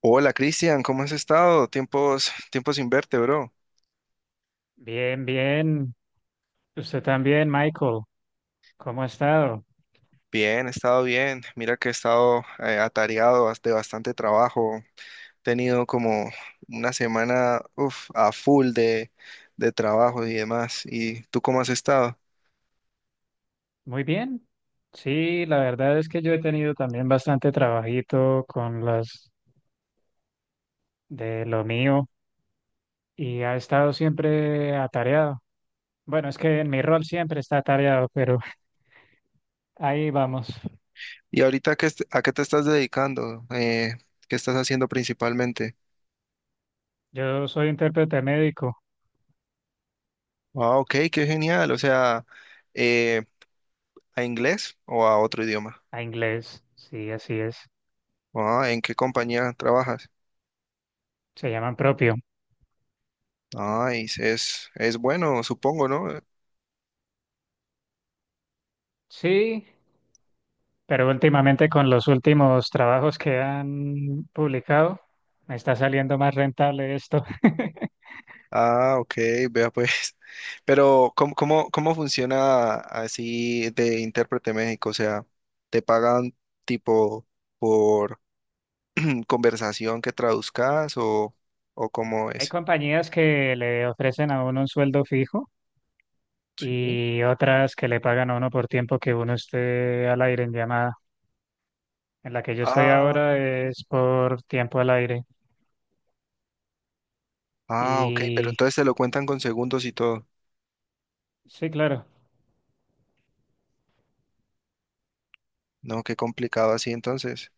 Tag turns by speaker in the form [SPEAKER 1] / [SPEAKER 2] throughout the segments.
[SPEAKER 1] Hola Cristian, ¿cómo has estado? Tiempos, tiempos sin verte, bro.
[SPEAKER 2] Bien, bien. Usted también, Michael. ¿Cómo ha estado?
[SPEAKER 1] Bien, he estado bien. Mira que he estado atareado de bastante trabajo. He tenido como una semana uf, a full de trabajo y demás. ¿Y tú cómo has estado?
[SPEAKER 2] Muy bien. Sí, la verdad es que yo he tenido también bastante trabajito con las de lo mío y ha estado siempre atareado. Bueno, es que en mi rol siempre está atareado, pero ahí vamos.
[SPEAKER 1] ¿Y ahorita qué, a qué te estás dedicando? ¿Qué estás haciendo principalmente?
[SPEAKER 2] Yo soy intérprete médico
[SPEAKER 1] Ah, ok, qué genial. O sea, eh, ¿a inglés o a otro idioma?
[SPEAKER 2] a inglés. Sí, así es.
[SPEAKER 1] Ah, ¿en qué compañía trabajas?
[SPEAKER 2] Se llaman propio.
[SPEAKER 1] Ah, es bueno, supongo, ¿no?
[SPEAKER 2] Sí, pero últimamente con los últimos trabajos que han publicado, me está saliendo más rentable esto.
[SPEAKER 1] Ah, ok, vea pues. Pero, ¿cómo funciona así de intérprete México? O sea, ¿te pagan tipo por conversación que traduzcas o cómo
[SPEAKER 2] Hay
[SPEAKER 1] es?
[SPEAKER 2] compañías que le ofrecen a uno un sueldo fijo
[SPEAKER 1] Sí.
[SPEAKER 2] y otras que le pagan a uno por tiempo que uno esté al aire en llamada. En la que yo estoy
[SPEAKER 1] Ah,
[SPEAKER 2] ahora es por tiempo al aire.
[SPEAKER 1] ah, ok, pero
[SPEAKER 2] Y
[SPEAKER 1] entonces te lo cuentan con segundos y todo.
[SPEAKER 2] sí, claro,
[SPEAKER 1] No, qué complicado así entonces.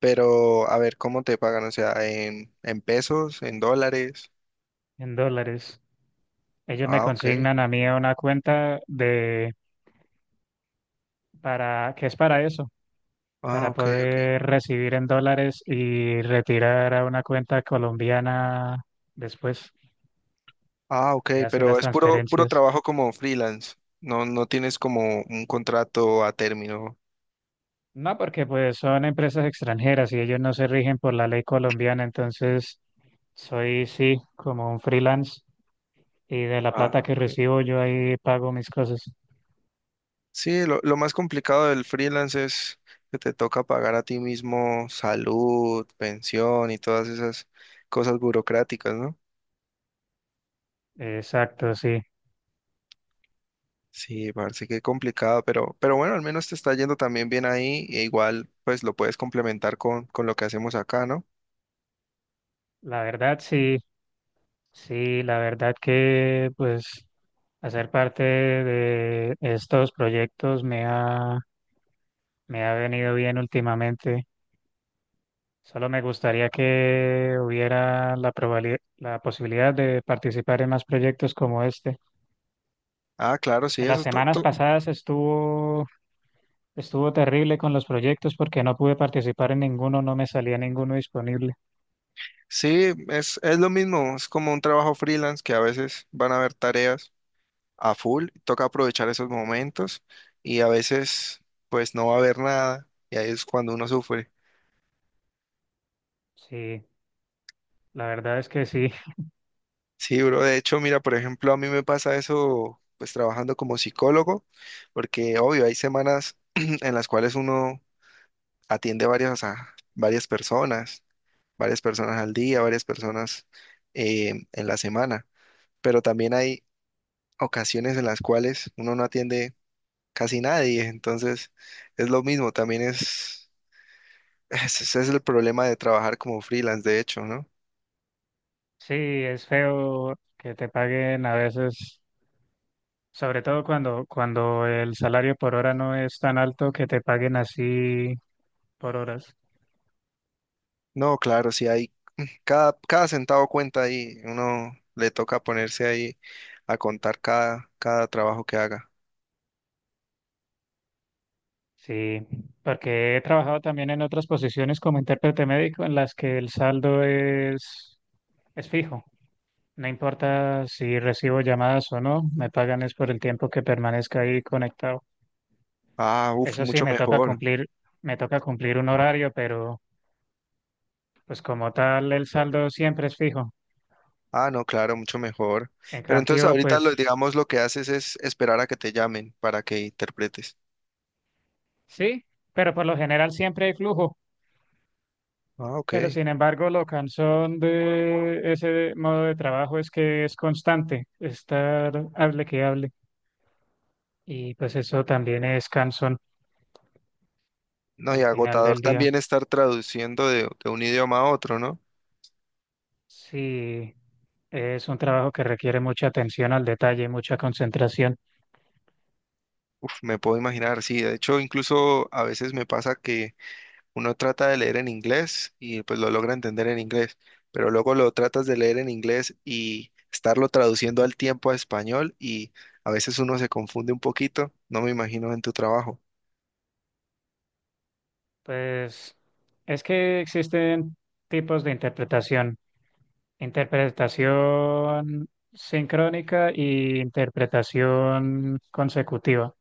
[SPEAKER 1] Pero, a ver, ¿cómo te pagan? O sea, en pesos, en dólares.
[SPEAKER 2] en dólares. Ellos me
[SPEAKER 1] Ah, ok.
[SPEAKER 2] consignan a mí a una cuenta de para que es para eso,
[SPEAKER 1] Ah,
[SPEAKER 2] para
[SPEAKER 1] ok, ok.
[SPEAKER 2] poder recibir en dólares y retirar a una cuenta colombiana después
[SPEAKER 1] Ah, ok,
[SPEAKER 2] y hacer las
[SPEAKER 1] pero es puro, puro
[SPEAKER 2] transferencias.
[SPEAKER 1] trabajo como freelance. No, no tienes como un contrato a término.
[SPEAKER 2] No, porque pues son empresas extranjeras y ellos no se rigen por la ley colombiana, entonces soy sí como un freelance y de la
[SPEAKER 1] Ah,
[SPEAKER 2] plata que
[SPEAKER 1] ok.
[SPEAKER 2] recibo yo ahí pago mis cosas.
[SPEAKER 1] Sí, lo más complicado del freelance es que te toca pagar a ti mismo salud, pensión y todas esas cosas burocráticas, ¿no?
[SPEAKER 2] Exacto, sí.
[SPEAKER 1] Sí, parece que complicado, pero bueno, al menos te está yendo también bien ahí, e igual pues lo puedes complementar con lo que hacemos acá, ¿no?
[SPEAKER 2] La verdad sí, sí, la verdad que pues hacer parte de estos proyectos me ha venido bien últimamente. Solo me gustaría que hubiera la posibilidad de participar en más proyectos como este.
[SPEAKER 1] Ah, claro, sí,
[SPEAKER 2] En
[SPEAKER 1] eso
[SPEAKER 2] las
[SPEAKER 1] es todo.
[SPEAKER 2] semanas pasadas estuvo, estuvo terrible con los proyectos porque no pude participar en ninguno, no me salía ninguno disponible.
[SPEAKER 1] Sí, es lo mismo, es como un trabajo freelance que a veces van a haber tareas a full, toca aprovechar esos momentos y a veces pues no va a haber nada y ahí es cuando uno sufre.
[SPEAKER 2] Sí, la verdad es que sí.
[SPEAKER 1] Sí, bro, de hecho, mira, por ejemplo, a mí me pasa eso pues trabajando como psicólogo, porque obvio, hay semanas en las cuales uno atiende a varias personas, varias personas al día, varias personas en la semana, pero también hay ocasiones en las cuales uno no atiende casi nadie, entonces es lo mismo, también ese es el problema de trabajar como freelance, de hecho, ¿no?
[SPEAKER 2] Sí, es feo que te paguen a veces, sobre todo cuando, cuando el salario por hora no es tan alto que te paguen así por horas.
[SPEAKER 1] No, claro, si hay, cada centavo cuenta ahí, uno le toca ponerse ahí a contar cada trabajo que haga.
[SPEAKER 2] Sí, porque he trabajado también en otras posiciones como intérprete médico en las que el saldo es fijo. No importa si recibo llamadas o no, me pagan es por el tiempo que permanezca ahí conectado.
[SPEAKER 1] Ah, uff,
[SPEAKER 2] Eso sí,
[SPEAKER 1] mucho mejor.
[SPEAKER 2] me toca cumplir un horario, pero pues como tal el saldo siempre es fijo.
[SPEAKER 1] Ah, no, claro, mucho mejor.
[SPEAKER 2] En
[SPEAKER 1] Pero entonces
[SPEAKER 2] cambio,
[SPEAKER 1] ahorita lo,
[SPEAKER 2] pues
[SPEAKER 1] digamos, lo que haces es esperar a que te llamen para que interpretes.
[SPEAKER 2] sí, pero por lo general siempre hay flujo.
[SPEAKER 1] Ah, ok.
[SPEAKER 2] Pero sin embargo, lo cansón de ese modo de trabajo es que es constante, estar hable que hable. Y pues eso también es cansón
[SPEAKER 1] No, y
[SPEAKER 2] al final
[SPEAKER 1] agotador
[SPEAKER 2] del día.
[SPEAKER 1] también estar traduciendo de un idioma a otro, ¿no?
[SPEAKER 2] Sí, es un trabajo que requiere mucha atención al detalle, mucha concentración.
[SPEAKER 1] Uf, me puedo imaginar, sí. De hecho, incluso a veces me pasa que uno trata de leer en inglés y pues lo logra entender en inglés, pero luego lo tratas de leer en inglés y estarlo traduciendo al tiempo a español y a veces uno se confunde un poquito. No me imagino en tu trabajo.
[SPEAKER 2] Pues es que existen tipos de interpretación. Interpretación sincrónica y interpretación consecutiva.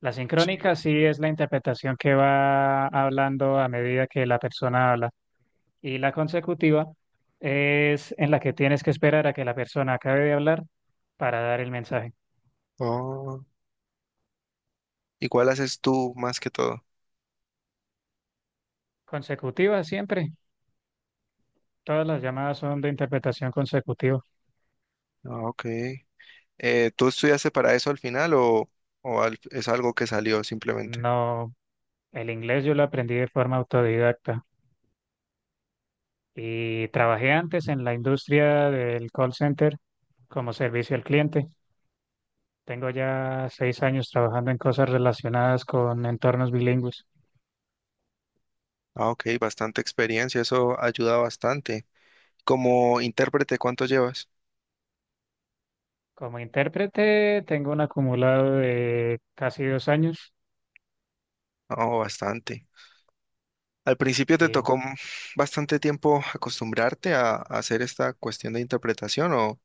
[SPEAKER 2] La
[SPEAKER 1] Sí.
[SPEAKER 2] sincrónica sí es la interpretación que va hablando a medida que la persona habla. Y la consecutiva es en la que tienes que esperar a que la persona acabe de hablar para dar el mensaje.
[SPEAKER 1] Oh, ¿y cuál haces tú más que todo?
[SPEAKER 2] Consecutiva siempre. Todas las llamadas son de interpretación consecutiva.
[SPEAKER 1] Ah, ok. ¿Tú estudiaste para eso al final o es algo que salió simplemente?
[SPEAKER 2] No, el inglés yo lo aprendí de forma autodidacta. Y trabajé antes en la industria del call center como servicio al cliente. Tengo ya 6 años trabajando en cosas relacionadas con entornos bilingües.
[SPEAKER 1] Ah, ok, bastante experiencia, eso ayuda bastante. Como intérprete, ¿cuánto llevas?
[SPEAKER 2] Como intérprete tengo un acumulado de casi 2 años.
[SPEAKER 1] Oh, bastante. Al principio te
[SPEAKER 2] Sí.
[SPEAKER 1] tocó bastante tiempo acostumbrarte a hacer esta cuestión de interpretación o,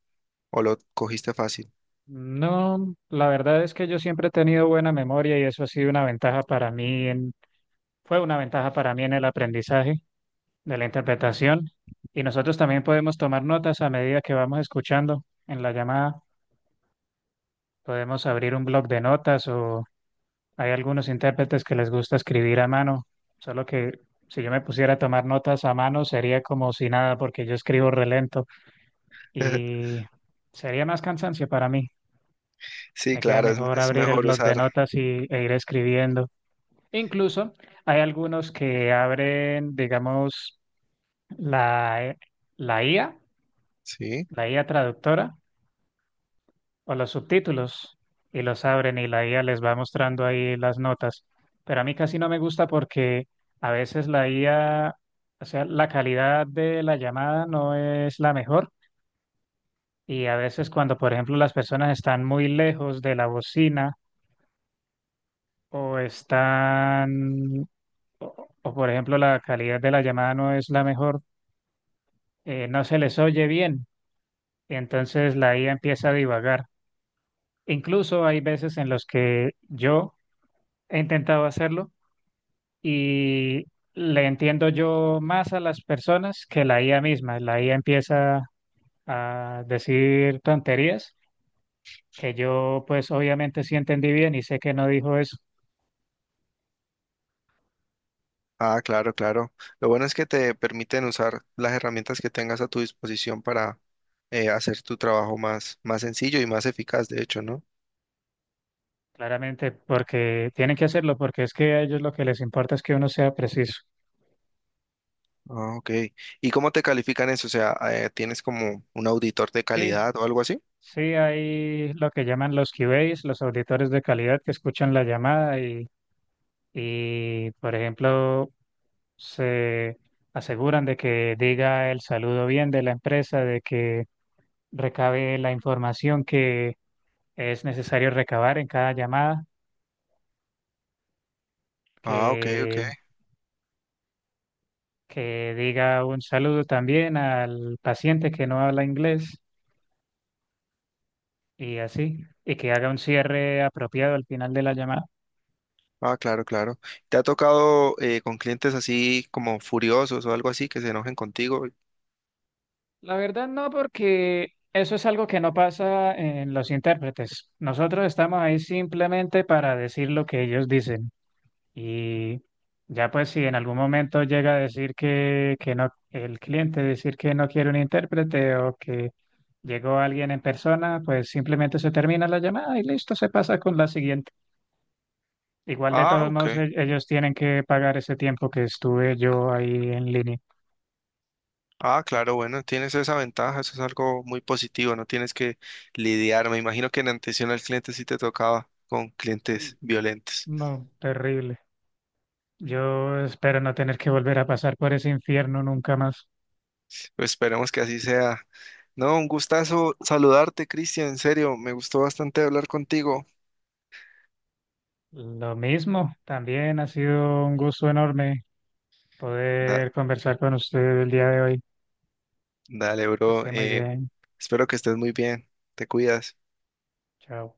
[SPEAKER 1] o lo cogiste fácil.
[SPEAKER 2] No, la verdad es que yo siempre he tenido buena memoria y eso ha sido una ventaja para mí en, fue una ventaja para mí en el aprendizaje de la interpretación. Y nosotros también podemos tomar notas a medida que vamos escuchando en la llamada. Podemos abrir un blog de notas o hay algunos intérpretes que les gusta escribir a mano, solo que si yo me pusiera a tomar notas a mano sería como si nada porque yo escribo relento y sería más cansancio para mí.
[SPEAKER 1] Sí,
[SPEAKER 2] Me queda
[SPEAKER 1] claro, es,
[SPEAKER 2] mejor
[SPEAKER 1] es
[SPEAKER 2] abrir el
[SPEAKER 1] mejor
[SPEAKER 2] blog de
[SPEAKER 1] usar.
[SPEAKER 2] notas e ir escribiendo. Incluso hay algunos que abren, digamos, la, la IA,
[SPEAKER 1] Sí.
[SPEAKER 2] la IA traductora o los subtítulos y los abren y la IA les va mostrando ahí las notas. Pero a mí casi no me gusta porque a veces la IA, o sea, la calidad de la llamada no es la mejor y a veces cuando, por ejemplo, las personas están muy lejos de la bocina o están, por ejemplo, la calidad de la llamada no es la mejor, no se les oye bien y entonces la IA empieza a divagar. Incluso hay veces en los que yo he intentado hacerlo y le entiendo yo más a las personas que la IA misma. La IA empieza a decir tonterías que yo pues obviamente sí entendí bien y sé que no dijo eso,
[SPEAKER 1] Ah, claro, claro. Lo bueno es que te permiten usar las herramientas que tengas a tu disposición para hacer tu trabajo más sencillo y más eficaz, de hecho, ¿no?
[SPEAKER 2] claramente porque tienen que hacerlo, porque es que a ellos lo que les importa es que uno sea preciso.
[SPEAKER 1] Ah, ok. ¿Y cómo te califican eso? O sea, ¿tienes como un auditor de
[SPEAKER 2] Sí,
[SPEAKER 1] calidad o algo así?
[SPEAKER 2] sí, hay lo que llaman los QAs, los auditores de calidad que escuchan la llamada y por ejemplo, se aseguran de que diga el saludo bien de la empresa, de que recabe la información que es necesario recabar en cada llamada,
[SPEAKER 1] Ah, ok, ok.
[SPEAKER 2] que, que diga un saludo también al paciente que no habla inglés y así, y que haga un cierre apropiado al final de la llamada.
[SPEAKER 1] Ah, claro, claro. ¿Te ha tocado con clientes así como furiosos o algo así que se enojen contigo?
[SPEAKER 2] La verdad no, porque eso es algo que no pasa en los intérpretes. Nosotros estamos ahí simplemente para decir lo que ellos dicen. Y ya pues si en algún momento llega a decir que no, el cliente decir que no quiere un intérprete o que llegó alguien en persona, pues simplemente se termina la llamada y listo, se pasa con la siguiente. Igual de
[SPEAKER 1] Ah,
[SPEAKER 2] todos modos
[SPEAKER 1] ok.
[SPEAKER 2] ellos tienen que pagar ese tiempo que estuve yo ahí en línea.
[SPEAKER 1] Ah, claro, bueno, tienes esa ventaja, eso es algo muy positivo, no tienes que lidiar. Me imagino que en atención al cliente sí te tocaba con
[SPEAKER 2] Mm,
[SPEAKER 1] clientes violentos.
[SPEAKER 2] no, terrible. Yo espero no tener que volver a pasar por ese infierno nunca más.
[SPEAKER 1] Pues esperemos que así sea. No, un gustazo saludarte, Cristian, en serio, me gustó bastante hablar contigo.
[SPEAKER 2] Lo mismo, también ha sido un gusto enorme
[SPEAKER 1] Da-
[SPEAKER 2] poder conversar con usted el día de hoy.
[SPEAKER 1] dale,
[SPEAKER 2] Que
[SPEAKER 1] bro,
[SPEAKER 2] esté muy bien.
[SPEAKER 1] espero que estés muy bien, te cuidas.
[SPEAKER 2] Chao.